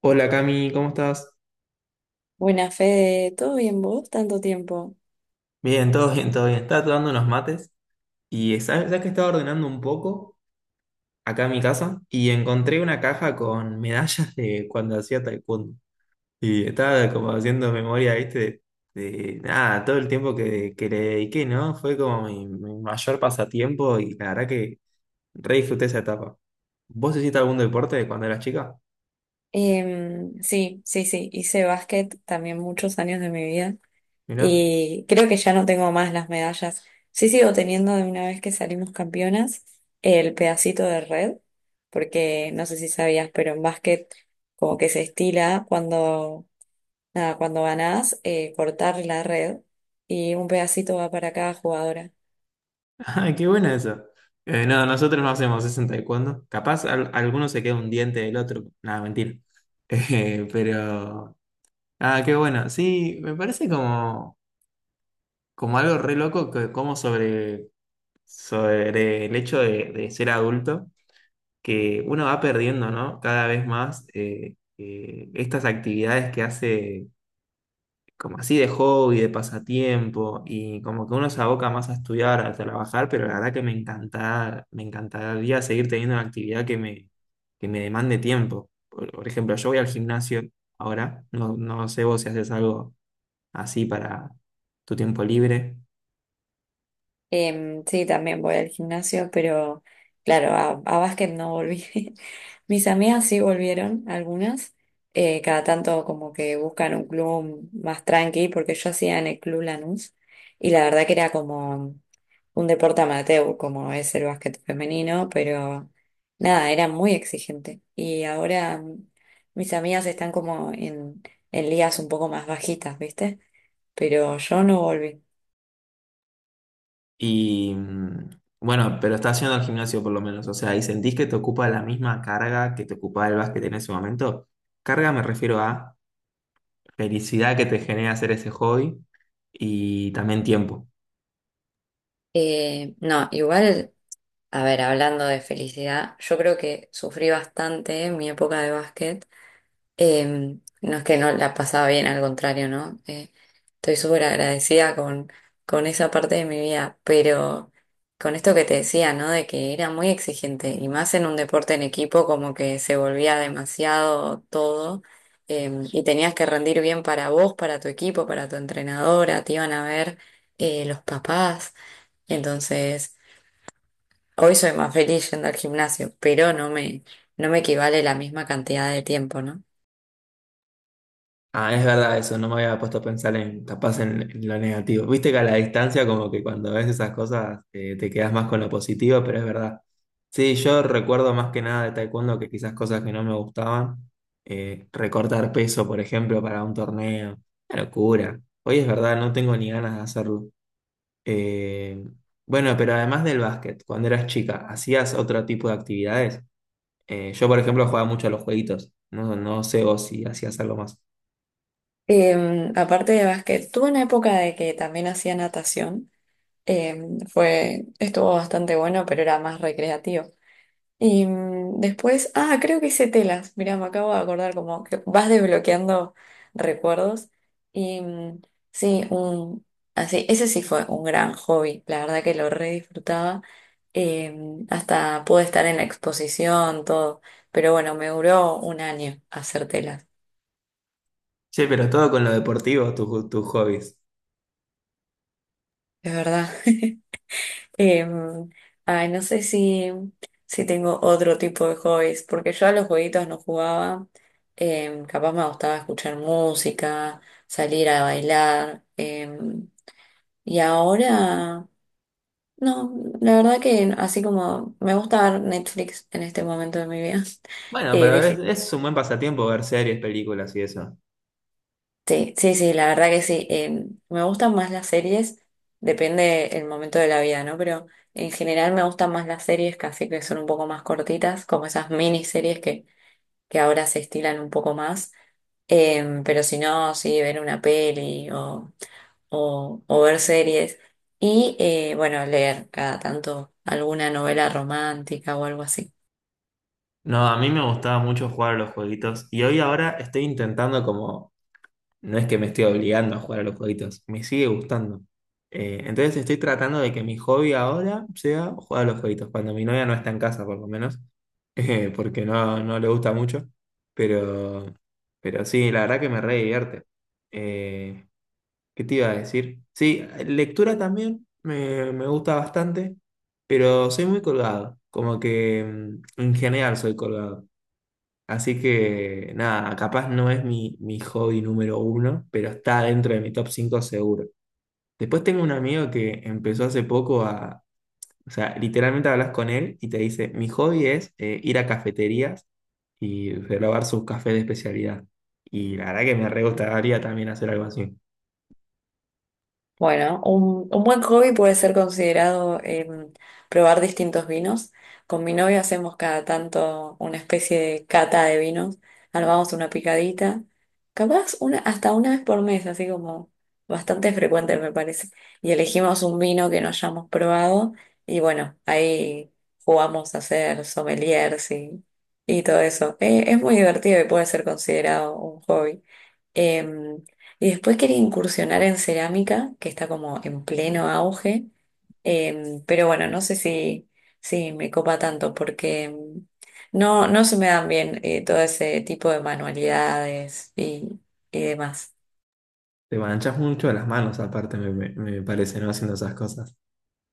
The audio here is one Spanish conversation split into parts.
Hola Cami, ¿cómo estás? Buena Fede, ¿todo bien vos? Tanto tiempo. Bien, todo bien, todo bien. Estaba tomando unos mates y sabes que estaba ordenando un poco acá en mi casa y encontré una caja con medallas de cuando hacía taekwondo. Y estaba como haciendo memoria, viste, de nada, todo el tiempo que le dediqué, ¿no? Fue como mi mayor pasatiempo y la verdad que re disfruté esa etapa. ¿Vos hiciste algún deporte cuando eras chica? Sí, sí, sí, hice básquet también muchos años de mi vida Mirá. y creo que ya no tengo más las medallas. Sí sigo teniendo de una vez que salimos campeonas el pedacito de red, porque no sé si sabías, pero en básquet como que se estila cuando, nada, cuando ganás cortar la red y un pedacito va para cada jugadora. Ah, qué buena esa. No, nosotros no hacemos eso en taekwondo. Capaz alguno se queda un diente del otro. Nada, mentira. Pero. Ah, qué bueno. Sí, me parece como, algo re loco que, como sobre el hecho de ser adulto, que uno va perdiendo, ¿no? Cada vez más estas actividades que hace. Como así de hobby, de pasatiempo, y como que uno se aboca más a estudiar, a trabajar, pero la verdad que me encanta, me encantaría seguir teniendo una actividad que me demande tiempo. Por ejemplo, yo voy al gimnasio ahora, no, no sé vos si haces algo así para tu tiempo libre, Sí, también voy al gimnasio, pero claro, a básquet no volví. Mis amigas sí volvieron, algunas. Cada tanto como que buscan un club más tranqui, porque yo hacía en el Club Lanús y la verdad que era como un deporte amateur, como es el básquet femenino, pero nada, era muy exigente. Y ahora mis amigas están como en ligas un poco más bajitas, ¿viste? Pero yo no volví. y bueno, pero estás yendo al gimnasio por lo menos, o sea, y sentís que te ocupa la misma carga que te ocupaba el básquet en ese momento. Carga me refiero a felicidad que te genera hacer ese hobby y también tiempo. No, igual. A ver, hablando de felicidad, yo creo que sufrí bastante en mi época de básquet. No es que no la pasaba bien, al contrario, ¿no? Estoy súper agradecida con esa parte de mi vida, pero con esto que te decía, ¿no? De que era muy exigente y más en un deporte en equipo, como que se volvía demasiado todo y tenías que rendir bien para vos, para tu equipo, para tu entrenadora, te iban a ver los papás. Entonces, hoy soy más feliz yendo al gimnasio, pero no me equivale la misma cantidad de tiempo, ¿no? Ah, es verdad eso, no me había puesto a pensar en capaz en lo negativo. Viste que a la distancia como que cuando ves esas cosas te quedas más con lo positivo, pero es verdad. Sí, yo recuerdo más que nada de taekwondo que quizás cosas que no me gustaban, recortar peso, por ejemplo, para un torneo, una locura. Hoy es verdad, no tengo ni ganas de hacerlo. Eh, bueno, pero además del básquet, cuando eras chica, ¿hacías otro tipo de actividades? Yo, por ejemplo, jugaba mucho a los jueguitos. No, no sé vos si hacías algo más. Aparte de básquet, tuve una época de que también hacía natación. Fue, estuvo bastante bueno, pero era más recreativo. Y después, ah, creo que hice telas. Mirá, me acabo de acordar como que vas desbloqueando recuerdos. Y sí, un, así, ese sí fue un gran hobby. La verdad que lo re disfrutaba. Eh, Hasta pude estar en la exposición, todo. Pero bueno, me duró un año hacer telas. Che, pero todo con lo deportivo, tus hobbies. Es verdad. Em, Ay, no sé si, si tengo otro tipo de hobbies, porque yo a los jueguitos no jugaba. Capaz me gustaba escuchar música, salir a bailar. Y ahora, no, la verdad que así como me gusta ver Netflix en este momento de mi vida, Bueno, pero eh, es un buen pasatiempo ver series, películas y eso. sí, sí, sí, la verdad que sí. Me gustan más las series, depende el momento de la vida, ¿no? Pero en general me gustan más las series casi que son un poco más cortitas, como esas miniseries que ahora se estilan un poco más. Pero si no, sí, ver una peli o ver series. Y bueno, leer cada tanto alguna novela romántica o algo así. No, a mí me gustaba mucho jugar a los jueguitos y hoy ahora estoy intentando como. No es que me estoy obligando a jugar a los jueguitos, me sigue gustando. Entonces estoy tratando de que mi hobby ahora sea jugar a los jueguitos, cuando mi novia no está en casa por lo menos, porque no, no le gusta mucho, pero, pero sí, la verdad que me re divierte. Eh, ¿Qué te iba a decir? Sí, lectura también me gusta bastante, pero soy muy colgado, como que en general soy colgado. Así que nada, capaz no es mi, mi hobby número uno, pero está dentro de mi top 5 seguro. Después tengo un amigo que empezó hace poco o sea, literalmente hablas con él y te dice, mi hobby es ir a cafeterías y probar sus cafés de especialidad. Y la verdad que me re gustaría también hacer algo así. Bueno, un buen hobby puede ser considerado probar distintos vinos. Con mi novio hacemos cada tanto una especie de cata de vinos, armamos una picadita, capaz una, hasta una vez por mes, así como bastante frecuente me parece. Y elegimos un vino que no hayamos probado y bueno, ahí jugamos a ser sommeliers y todo eso. Es muy divertido y puede ser considerado un hobby. Em, y después quería incursionar en cerámica, que está como en pleno auge, pero bueno, no sé si, si me copa tanto porque no, no se me dan bien todo ese tipo de manualidades y demás. Te manchas mucho las manos aparte, me parece, ¿no? Haciendo esas cosas.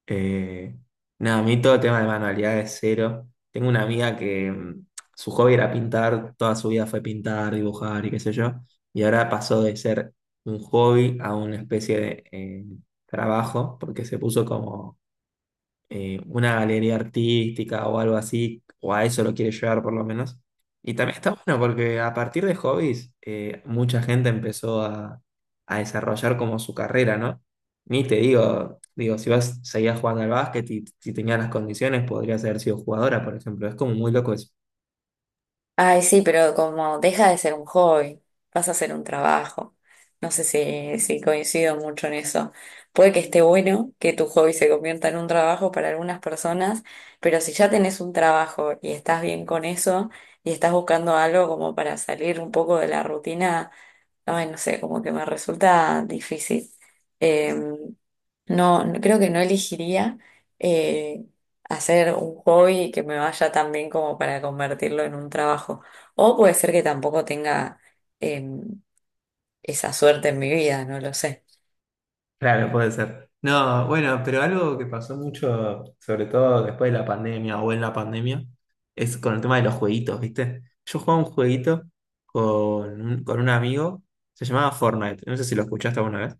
Eh, Nada, a mí todo tema de manualidades cero. Tengo una amiga que su hobby era pintar, toda su vida fue pintar, dibujar y qué sé yo, y ahora pasó de ser un hobby a una especie de trabajo, porque se puso como una galería artística o algo así, o a eso lo quiere llevar por lo menos. Y también está bueno porque a partir de hobbies, mucha gente empezó a desarrollar como su carrera, ¿no? Ni te digo, si vas, seguías jugando al básquet y si tenías las condiciones, podrías haber sido jugadora, por ejemplo. Es como muy loco eso. Ay, sí, pero como deja de ser un hobby, pasa a ser un trabajo. No sé si, si coincido mucho en eso. Puede que esté bueno que tu hobby se convierta en un trabajo para algunas personas, pero si ya tenés un trabajo y estás bien con eso y estás buscando algo como para salir un poco de la rutina, ay, no sé, como que me resulta difícil. Em, Creo que no elegiría eh, hacer un hobby que me vaya tan bien como para convertirlo en un trabajo. O puede ser que tampoco tenga em, esa suerte en mi vida, no lo sé. Claro, puede ser. No, bueno, pero algo que pasó mucho, sobre todo después de la pandemia o en la pandemia, es con el tema de los jueguitos, ¿viste? Yo jugaba un jueguito con un amigo, se llamaba Fortnite, no sé si lo escuchaste alguna.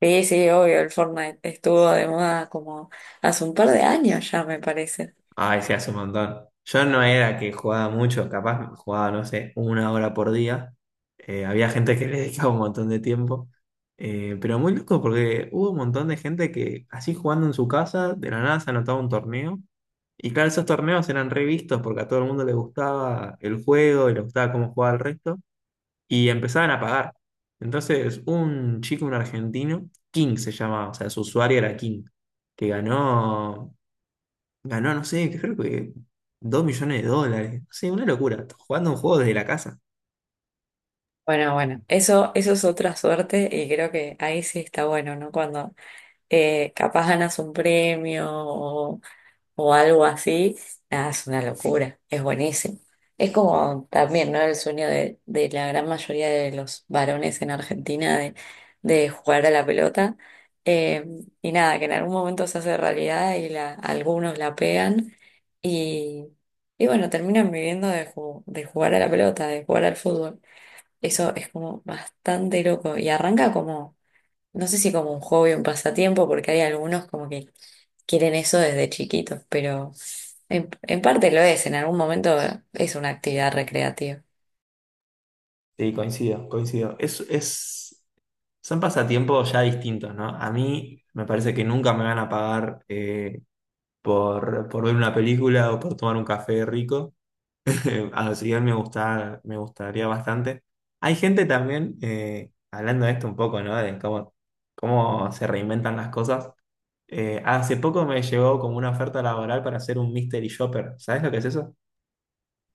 Sí, sí, obvio, el Fortnite estuvo de moda como hace un par de años ya, me parece. Ay, se hace un montón. Yo no era que jugaba mucho, capaz jugaba, no sé, 1 hora por día. Había gente que le dedicaba un montón de tiempo. Pero muy loco porque hubo un montón de gente que así jugando en su casa, de la nada se anotaba un torneo. Y claro, esos torneos eran revistos porque a todo el mundo le gustaba el juego y le gustaba cómo jugaba el resto. Y empezaban a pagar. Entonces, un chico, un argentino, King se llamaba, o sea, su usuario era King, que ganó. Ganó, no sé, creo que 2 millones de dólares. No sé, una locura. Jugando un juego desde la casa. Bueno, bueno, eso es otra suerte y creo que ahí sí está bueno, ¿no? Cuando capaz ganas un premio o algo así, nada, es una locura, es buenísimo. Es como también, ¿no? El sueño de la gran mayoría de los varones en Argentina de jugar a la pelota. Eh, y nada, que en algún momento se hace realidad y la, algunos la pegan y, y bueno, terminan viviendo de, de jugar a la pelota, de jugar al fútbol. Eso es como bastante loco y arranca como no sé si como un hobby o un pasatiempo, porque hay algunos como que quieren eso desde chiquitos, pero en parte lo es, en algún momento es una actividad recreativa. Sí, coincido, coincido. Es, son pasatiempos ya distintos, ¿no? A mí me parece que nunca me van a pagar por ver una película o por tomar un café rico. Así que me gusta, me gustaría bastante. Hay gente también, hablando de esto un poco, ¿no? De cómo se reinventan las cosas. Hace poco me llegó como una oferta laboral para hacer un mystery shopper. ¿Sabes lo que es eso?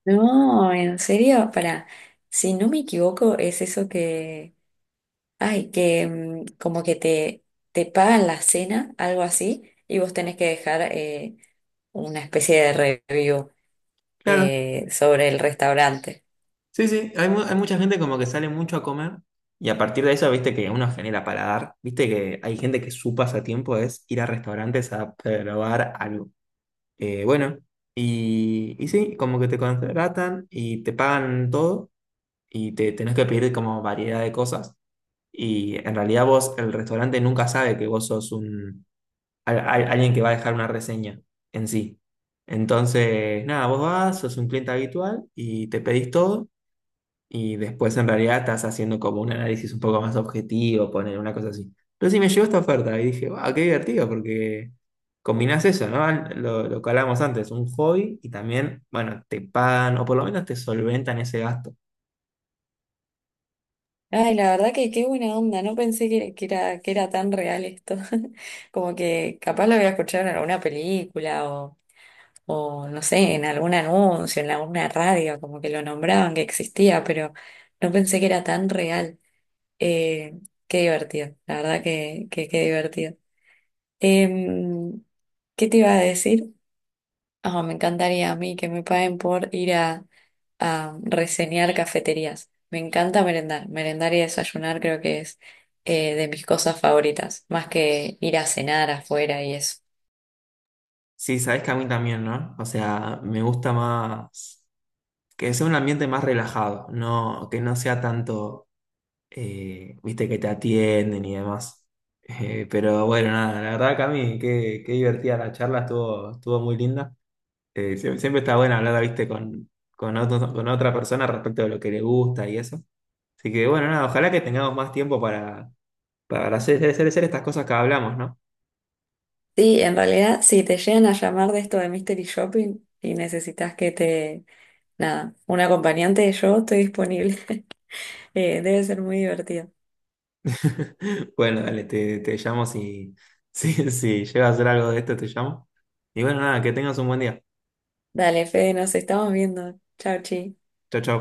No, en serio, para, si no me equivoco, es eso que, ay, que como que te pagan la cena, algo así, y vos tenés que dejar una especie de review Claro. Sobre el restaurante. Sí, sí. Hay mucha gente como que sale mucho a comer y a partir de eso, viste que uno genera paladar. Viste que hay gente que su pasatiempo es ir a restaurantes a probar algo. Bueno, y sí, como que te contratan y te pagan todo y te tenés que pedir como variedad de cosas. Y en realidad vos, el restaurante nunca sabe que vos sos alguien que va a dejar una reseña en sí. Entonces, nada, vos vas, sos un cliente habitual y te pedís todo y después en realidad estás haciendo como un análisis un poco más objetivo, poner una cosa así. Entonces sí me llegó esta oferta y dije, wow, qué divertido porque combinás eso, ¿no? Lo que hablábamos antes, un hobby y también, bueno, te pagan o por lo menos te solventan ese gasto. Ay, la verdad que qué buena onda, no pensé que era tan real esto. Como que capaz lo había escuchado en alguna película o no sé, en algún anuncio, en alguna radio, como que lo nombraban que existía, pero no pensé que era tan real. Eh, Qué divertido, la verdad que qué divertido. Em, ¿Qué te iba a decir? Ah, me encantaría a mí que me paguen por ir a reseñar cafeterías. Me encanta merendar. Merendar y desayunar creo que es de mis cosas favoritas, más que ir a cenar afuera y eso. Sí, sabes que a mí también, ¿no? O sea, me gusta más que sea un ambiente más relajado, no, que no sea tanto, viste, que te atienden y demás. Pero bueno, nada, la verdad, Cami, qué divertida la charla, estuvo muy linda. Siempre está bueno hablar, viste, con, con otra persona respecto de lo que le gusta y eso. Así que bueno, nada, ojalá que tengamos más tiempo para, para hacer estas cosas que hablamos, ¿no? Sí, en realidad, si te llegan a llamar de esto de Mystery Shopping y necesitas nada, un acompañante, yo estoy disponible. Debe ser muy divertido. Bueno, dale, te llamo si, si llega a hacer algo de esto, te llamo. Y bueno, nada, que tengas un buen día. Dale, Fede, nos estamos viendo. Chau, chi. Chao, chao.